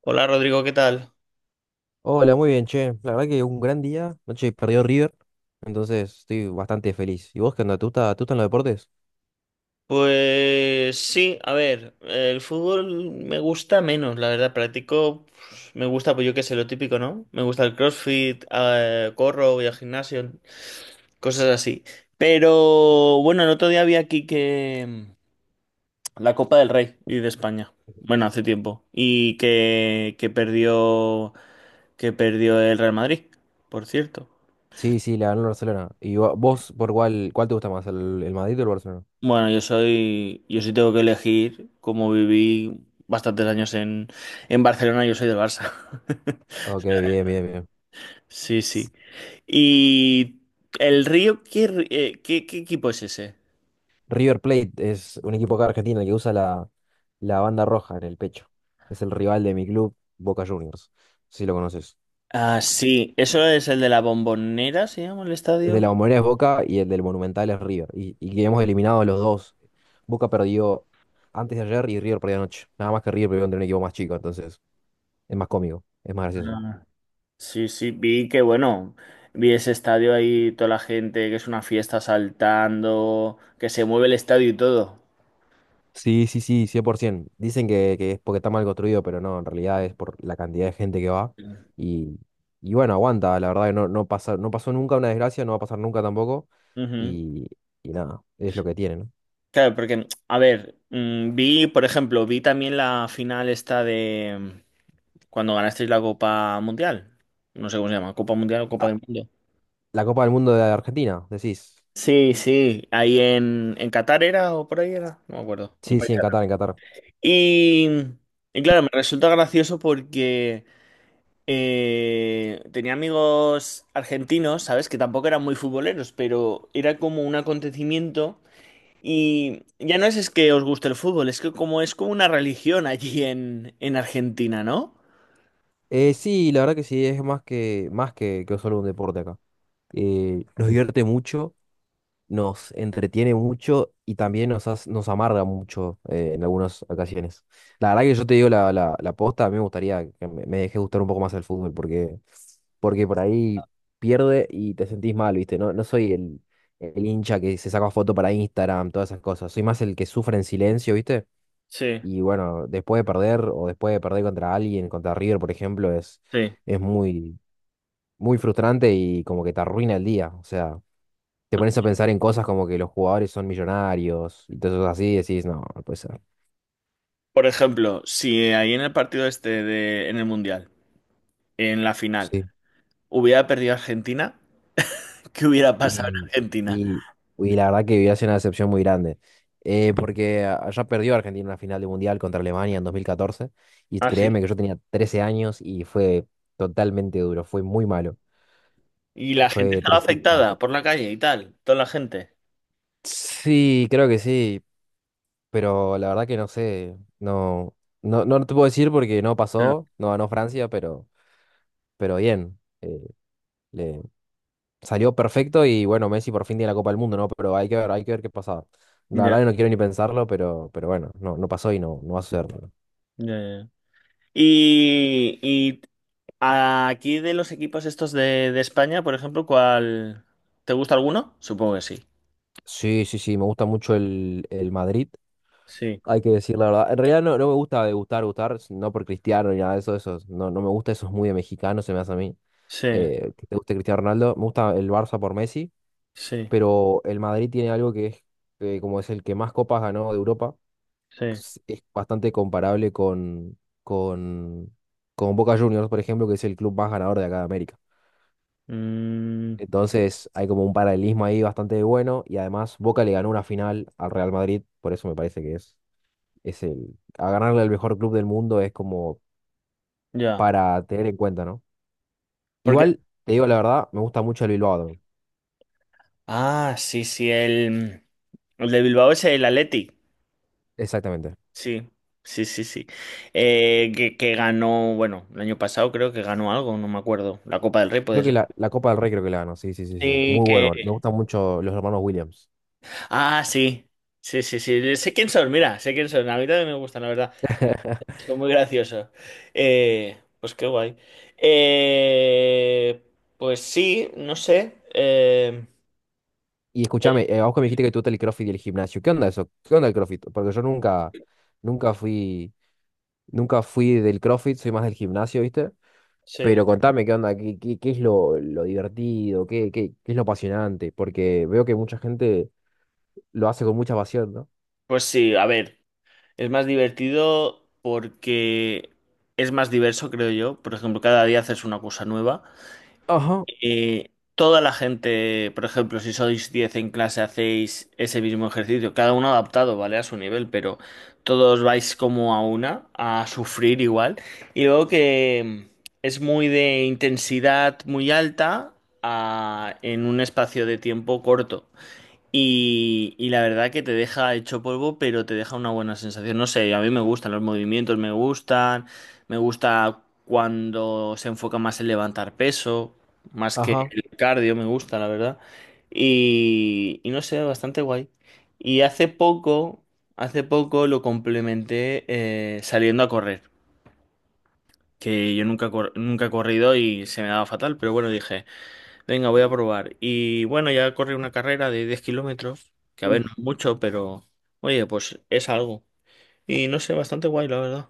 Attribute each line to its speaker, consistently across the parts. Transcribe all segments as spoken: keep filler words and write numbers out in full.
Speaker 1: Hola Rodrigo, ¿qué tal?
Speaker 2: Hola, muy bien, che. La verdad que un gran día. Noche perdió River, entonces estoy bastante feliz. ¿Y vos qué onda? ¿Te gusta, te gustan los deportes?
Speaker 1: Pues sí, a ver, el fútbol me gusta menos, la verdad, practico, pues, me gusta, pues yo qué sé, lo típico, ¿no? Me gusta el CrossFit, ah, eh, corro, voy al gimnasio, cosas así. Pero bueno, el otro día vi aquí que mm, la Copa del Rey y de España, bueno, hace tiempo, y que, que perdió, que perdió el Real Madrid, por cierto.
Speaker 2: Sí, sí, le ganó el Barcelona. ¿Y vo- vos por cuál, cuál te gusta más, el, el Madrid o el Barcelona?
Speaker 1: Bueno, yo soy, yo sí tengo que elegir, como viví bastantes años en, en Barcelona, yo soy del Barça.
Speaker 2: Ok, bien, bien, bien.
Speaker 1: Sí, sí.
Speaker 2: S-
Speaker 1: ¿Y el Río, qué, ri- eh, qué, qué equipo es ese?
Speaker 2: River Plate es un equipo acá argentino que usa la, la banda roja en el pecho. Es el rival de mi club, Boca Juniors, si lo conoces.
Speaker 1: Ah, sí, eso es el de la Bombonera, se llama el
Speaker 2: De
Speaker 1: estadio.
Speaker 2: la Bombonera es Boca y el del Monumental es River. Y, y que hemos eliminado a los dos. Boca perdió antes de ayer y River perdió anoche. Nada más que River perdió contra un equipo más chico, entonces es más cómico, es más gracioso.
Speaker 1: Ah, sí, sí, vi que bueno, vi ese estadio ahí, toda la gente, que es una fiesta saltando, que se mueve el estadio y todo.
Speaker 2: Sí, sí, sí, cien por ciento. Dicen que, que es porque está mal construido, pero no, en realidad es por la cantidad de gente que va. Y, y bueno, aguanta, la verdad que no, no pasa, no pasó nunca una desgracia, no va a pasar nunca tampoco.
Speaker 1: Ujú.
Speaker 2: Y, y nada, es lo que tiene, ¿no?
Speaker 1: Claro, porque, a ver, mm, vi, por ejemplo, vi también la final esta de mm, cuando ganasteis la Copa Mundial. No sé cómo se llama, Copa Mundial o Copa
Speaker 2: Ah,
Speaker 1: del Mundo.
Speaker 2: la Copa del Mundo de Argentina, decís.
Speaker 1: Sí, sí, ahí en, en Qatar era o por ahí era, no me acuerdo, un
Speaker 2: Sí,
Speaker 1: país
Speaker 2: sí, en
Speaker 1: árabe.
Speaker 2: Qatar, en Qatar.
Speaker 1: Y, y claro, me resulta gracioso porque eh, tenía amigos argentinos, ¿sabes? Que tampoco eran muy futboleros, pero era como un acontecimiento. Y ya no es, es que os guste el fútbol, es que como es como una religión allí en, en Argentina, ¿no?
Speaker 2: Eh, sí, la verdad que sí, es más que, más que, que solo un deporte acá. Eh, nos divierte mucho, nos entretiene mucho y también nos, hace- nos amarga mucho eh, en algunas ocasiones. La verdad que yo te digo la, la, la posta, a mí me gustaría que me, me deje gustar un poco más el fútbol porque, porque por ahí pierde y te sentís mal, ¿viste? No, no soy el, el hincha que se saca foto para Instagram, todas esas cosas. Soy más el que sufre en silencio, ¿viste?
Speaker 1: Sí,
Speaker 2: Y bueno, después de perder o después de perder contra alguien, contra River, por ejemplo, es,
Speaker 1: sí.
Speaker 2: es muy, muy frustrante y como que te arruina el día. O sea, te pones a pensar en cosas como que los jugadores son millonarios y todo eso así, y decís, no, no puede ser.
Speaker 1: Por ejemplo, si ahí en el partido este de, en el Mundial, en la final,
Speaker 2: Sí.
Speaker 1: hubiera perdido Argentina, ¿qué hubiera pasado en
Speaker 2: Y,
Speaker 1: Argentina?
Speaker 2: y, y la verdad que viví hace una decepción muy grande. Eh, porque allá perdió Argentina una final de Mundial contra Alemania en dos mil catorce. Y
Speaker 1: Ah, sí.
Speaker 2: créeme que yo tenía trece años y fue totalmente duro, fue muy malo,
Speaker 1: Y la gente
Speaker 2: fue
Speaker 1: estaba
Speaker 2: tristísimo.
Speaker 1: afectada por la calle y tal, toda la gente.
Speaker 2: Sí, creo que sí. Pero la verdad que no sé, no, no, no te puedo decir porque no
Speaker 1: Ya,
Speaker 2: pasó, no ganó Francia, pero, pero bien, eh, le salió perfecto y bueno, Messi por fin tiene la Copa del Mundo, ¿no? Pero hay que ver, hay que ver qué pasa. La
Speaker 1: ya,
Speaker 2: verdad que no quiero ni pensarlo, pero, pero bueno, no, no pasó y no, no va a suceder.
Speaker 1: ya, ya. Y, y aquí de los equipos estos de, de España, por ejemplo, ¿cuál? ¿Te gusta alguno? Supongo que sí.
Speaker 2: Sí, sí, sí, me gusta mucho el, el Madrid,
Speaker 1: Sí.
Speaker 2: hay que decir la verdad. En realidad no, no me gusta de gustar, gustar, no por Cristiano ni nada de eso, eso no, no me gusta, eso es muy de mexicano, se me hace a mí.
Speaker 1: Sí,
Speaker 2: Eh, que te guste Cristiano Ronaldo, me gusta el Barça por Messi.
Speaker 1: sí,
Speaker 2: Pero el Madrid tiene algo que es, eh, como es el que más copas ganó de Europa,
Speaker 1: sí.
Speaker 2: es es bastante comparable con, con, con Boca Juniors, por ejemplo, que es el club más ganador de acá de América.
Speaker 1: Mm,
Speaker 2: Entonces hay como un paralelismo ahí bastante bueno y además Boca le ganó una final al Real Madrid, por eso me parece que es, es el, a ganarle al mejor club del mundo es como
Speaker 1: ya.
Speaker 2: para tener en cuenta, ¿no?
Speaker 1: Porque.
Speaker 2: Igual, te digo la verdad, me gusta mucho el Bilbao. Athletic.
Speaker 1: Ah, sí, sí, el, el de Bilbao es el Athletic.
Speaker 2: Exactamente.
Speaker 1: Sí, sí, sí, sí. Eh, que, que ganó, bueno, el año pasado creo que ganó algo, no me acuerdo. La Copa del Rey
Speaker 2: Creo
Speaker 1: puede
Speaker 2: que
Speaker 1: ser.
Speaker 2: la, la Copa del Rey creo que la ganó, sí, sí, sí, sí.
Speaker 1: Sí,
Speaker 2: Muy
Speaker 1: que.
Speaker 2: bueno, me gustan mucho los hermanos Williams.
Speaker 1: Ah, sí. Sí, sí, sí. Sé quién son, mira, sé quién son. A mí también me gustan, la verdad. Son muy graciosos. Eh, pues qué guay. Eh, pues sí, no sé. Eh,
Speaker 2: Y escúchame, eh, vos que me dijiste que te gusta el CrossFit y el gimnasio. ¿Qué onda eso? ¿Qué onda el CrossFit? Porque yo nunca, nunca fui, nunca fui del CrossFit, soy más del gimnasio, ¿viste?
Speaker 1: sí.
Speaker 2: Pero contame qué onda, qué, qué, qué es lo, lo divertido, qué, qué, qué es lo apasionante, porque veo que mucha gente lo hace con mucha pasión, ¿no?
Speaker 1: Pues sí, a ver, es más divertido porque es más diverso, creo yo. Por ejemplo, cada día haces una cosa nueva.
Speaker 2: Ajá,
Speaker 1: Eh, toda la gente, por ejemplo, si sois diez en clase, hacéis ese mismo ejercicio, cada uno adaptado, ¿vale? A su nivel, pero todos vais como a una, a sufrir igual. Y luego que es muy de intensidad muy alta a- en un espacio de tiempo corto. Y, y la verdad que te deja hecho polvo, pero te deja una buena sensación. No sé, a mí me gustan los movimientos, me gustan, me gusta cuando se enfoca más en levantar peso, más que
Speaker 2: ajá.
Speaker 1: el cardio, me gusta, la verdad. Y, y no sé, bastante guay. Y hace poco, hace poco lo complementé eh, saliendo a correr, que yo nunca, cor- nunca he corrido y se me daba fatal, pero bueno, dije... Venga, voy a probar. Y bueno, ya corrí una carrera de diez kilómetros, que a ver, no es mucho, pero oye, pues es algo. Y no sé, bastante guay, la verdad.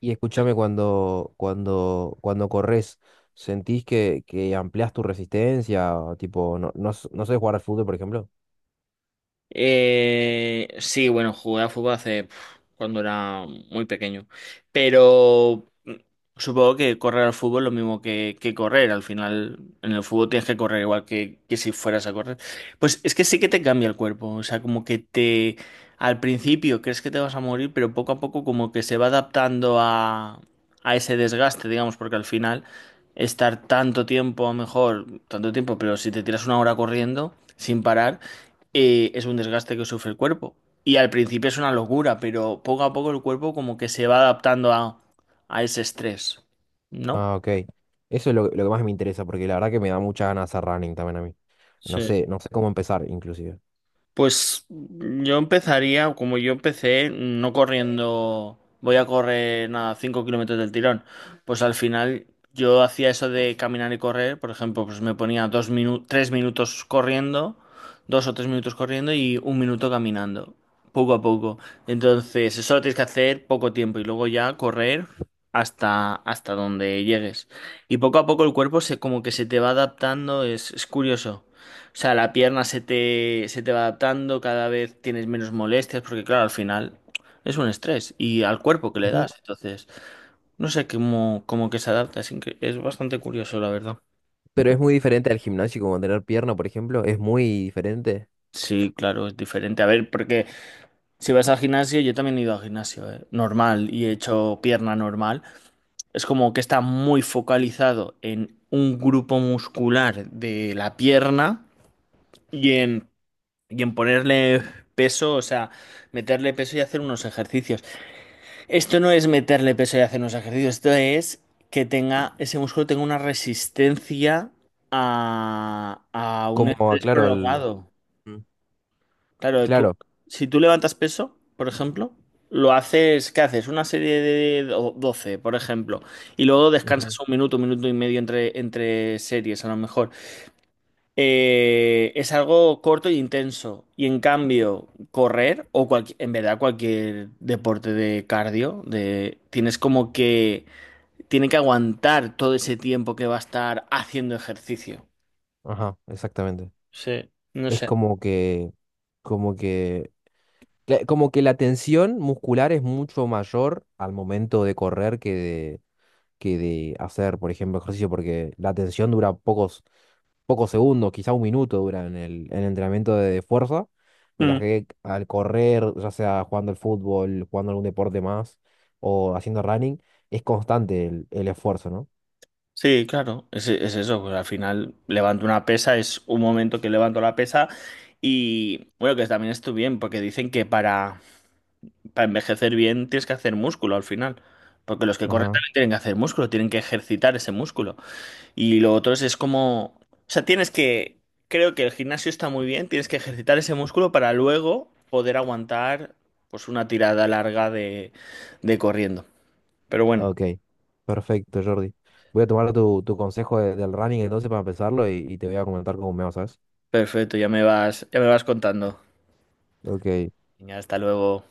Speaker 2: Y escúchame cuando, cuando, cuando corres, ¿sentís que, que ampliás tu resistencia? Tipo, no, no, s- no sabés jugar al fútbol, por ejemplo.
Speaker 1: Eh, sí, bueno, jugué a fútbol hace pf, cuando era muy pequeño. Pero mm, supongo que correr al fútbol es lo mismo que, que correr. Al final, en el fútbol tienes que correr igual que, que si fueras a correr. Pues es que sí que te cambia el cuerpo. O sea, como que te. Al principio crees que te vas a morir, pero poco a poco como que se va adaptando a, a ese desgaste, digamos, porque al final estar tanto tiempo, a lo mejor, tanto tiempo, pero si te tiras una hora corriendo sin parar eh, es un desgaste que sufre el cuerpo. Y al principio es una locura, pero poco a poco el cuerpo como que se va adaptando a, a ese estrés, ¿no?
Speaker 2: Ah, ok. Eso es lo, lo que más me interesa, porque la verdad que me da muchas ganas hacer running también a mí. No
Speaker 1: Sí.
Speaker 2: sé, no sé cómo empezar, inclusive.
Speaker 1: Pues yo empezaría, como yo empecé, no corriendo, voy a correr nada, cinco kilómetros del tirón. Pues al final yo hacía eso de caminar y correr, por ejemplo, pues me ponía dos minu- tres minutos corriendo, dos o tres minutos corriendo y un minuto caminando, poco a poco. Entonces, eso lo tienes que hacer poco tiempo y luego ya correr hasta, hasta donde llegues. Y poco a poco el cuerpo se como que se te va adaptando, es, es curioso. O sea, la pierna se te, se te va adaptando, cada vez tienes menos molestias, porque claro, al final es un estrés y al cuerpo que le
Speaker 2: Ujú.
Speaker 1: das. Entonces, no sé cómo, cómo que se adapta, es, incre- es bastante curioso, la verdad.
Speaker 2: Pero es muy diferente al gimnasio, como tener pierna, por ejemplo, es muy diferente.
Speaker 1: Sí, claro, es diferente. A ver, porque si vas al gimnasio, yo también he ido al gimnasio, eh, normal y he hecho pierna normal. Es como que está muy focalizado en un grupo muscular de la pierna y en, y en ponerle peso, o sea, meterle peso y hacer unos ejercicios. Esto no es meterle peso y hacer unos ejercicios, esto es que tenga, ese músculo tenga una resistencia a, a un
Speaker 2: Como,
Speaker 1: estrés
Speaker 2: claro, al...
Speaker 1: prolongado.
Speaker 2: Mm.
Speaker 1: Claro, tú,
Speaker 2: Claro.
Speaker 1: si tú levantas peso, por ejemplo, lo haces, ¿qué haces? Una serie de do- doce, por ejemplo, y luego
Speaker 2: Ujú.
Speaker 1: descansas un minuto, un minuto y medio entre, entre series, a lo mejor eh, es algo corto e intenso. Y en cambio, correr o cualqui- en verdad cualquier deporte de cardio, de, tienes como que, tiene que aguantar todo ese tiempo que va a estar haciendo ejercicio.
Speaker 2: Ajá, exactamente.
Speaker 1: Sí, no
Speaker 2: Es
Speaker 1: sé.
Speaker 2: como que, como que, cla- como que la tensión muscular es mucho mayor al momento de correr que de, que de hacer, por ejemplo, ejercicio, porque la tensión dura pocos, pocos segundos, quizá un minuto dura en el, en el entrenamiento de fuerza, mientras
Speaker 1: Mm.
Speaker 2: que al correr, ya sea jugando al fútbol, jugando algún deporte más o haciendo running, es constante el, el esfuerzo, ¿no?
Speaker 1: Sí, claro, es, es eso, pues al final levanto una pesa, es un momento que levanto la pesa y bueno, que también estoy bien, porque dicen que para para envejecer bien tienes que hacer músculo al final. Porque los que corren
Speaker 2: Ajá,
Speaker 1: también tienen que hacer músculo, tienen que ejercitar ese músculo. Y lo otro es, es como... O sea, tienes que... Creo que el gimnasio está muy bien, tienes que ejercitar ese músculo para luego poder aguantar pues una tirada larga de, de corriendo. Pero bueno,
Speaker 2: ok, perfecto, Jordi. Voy a tomar tu, tu consejo de- del running entonces para empezarlo y, y te voy a comentar cómo me va, ¿sabes?
Speaker 1: perfecto, ya me vas, ya me vas contando.
Speaker 2: Ok.
Speaker 1: Venga, hasta luego.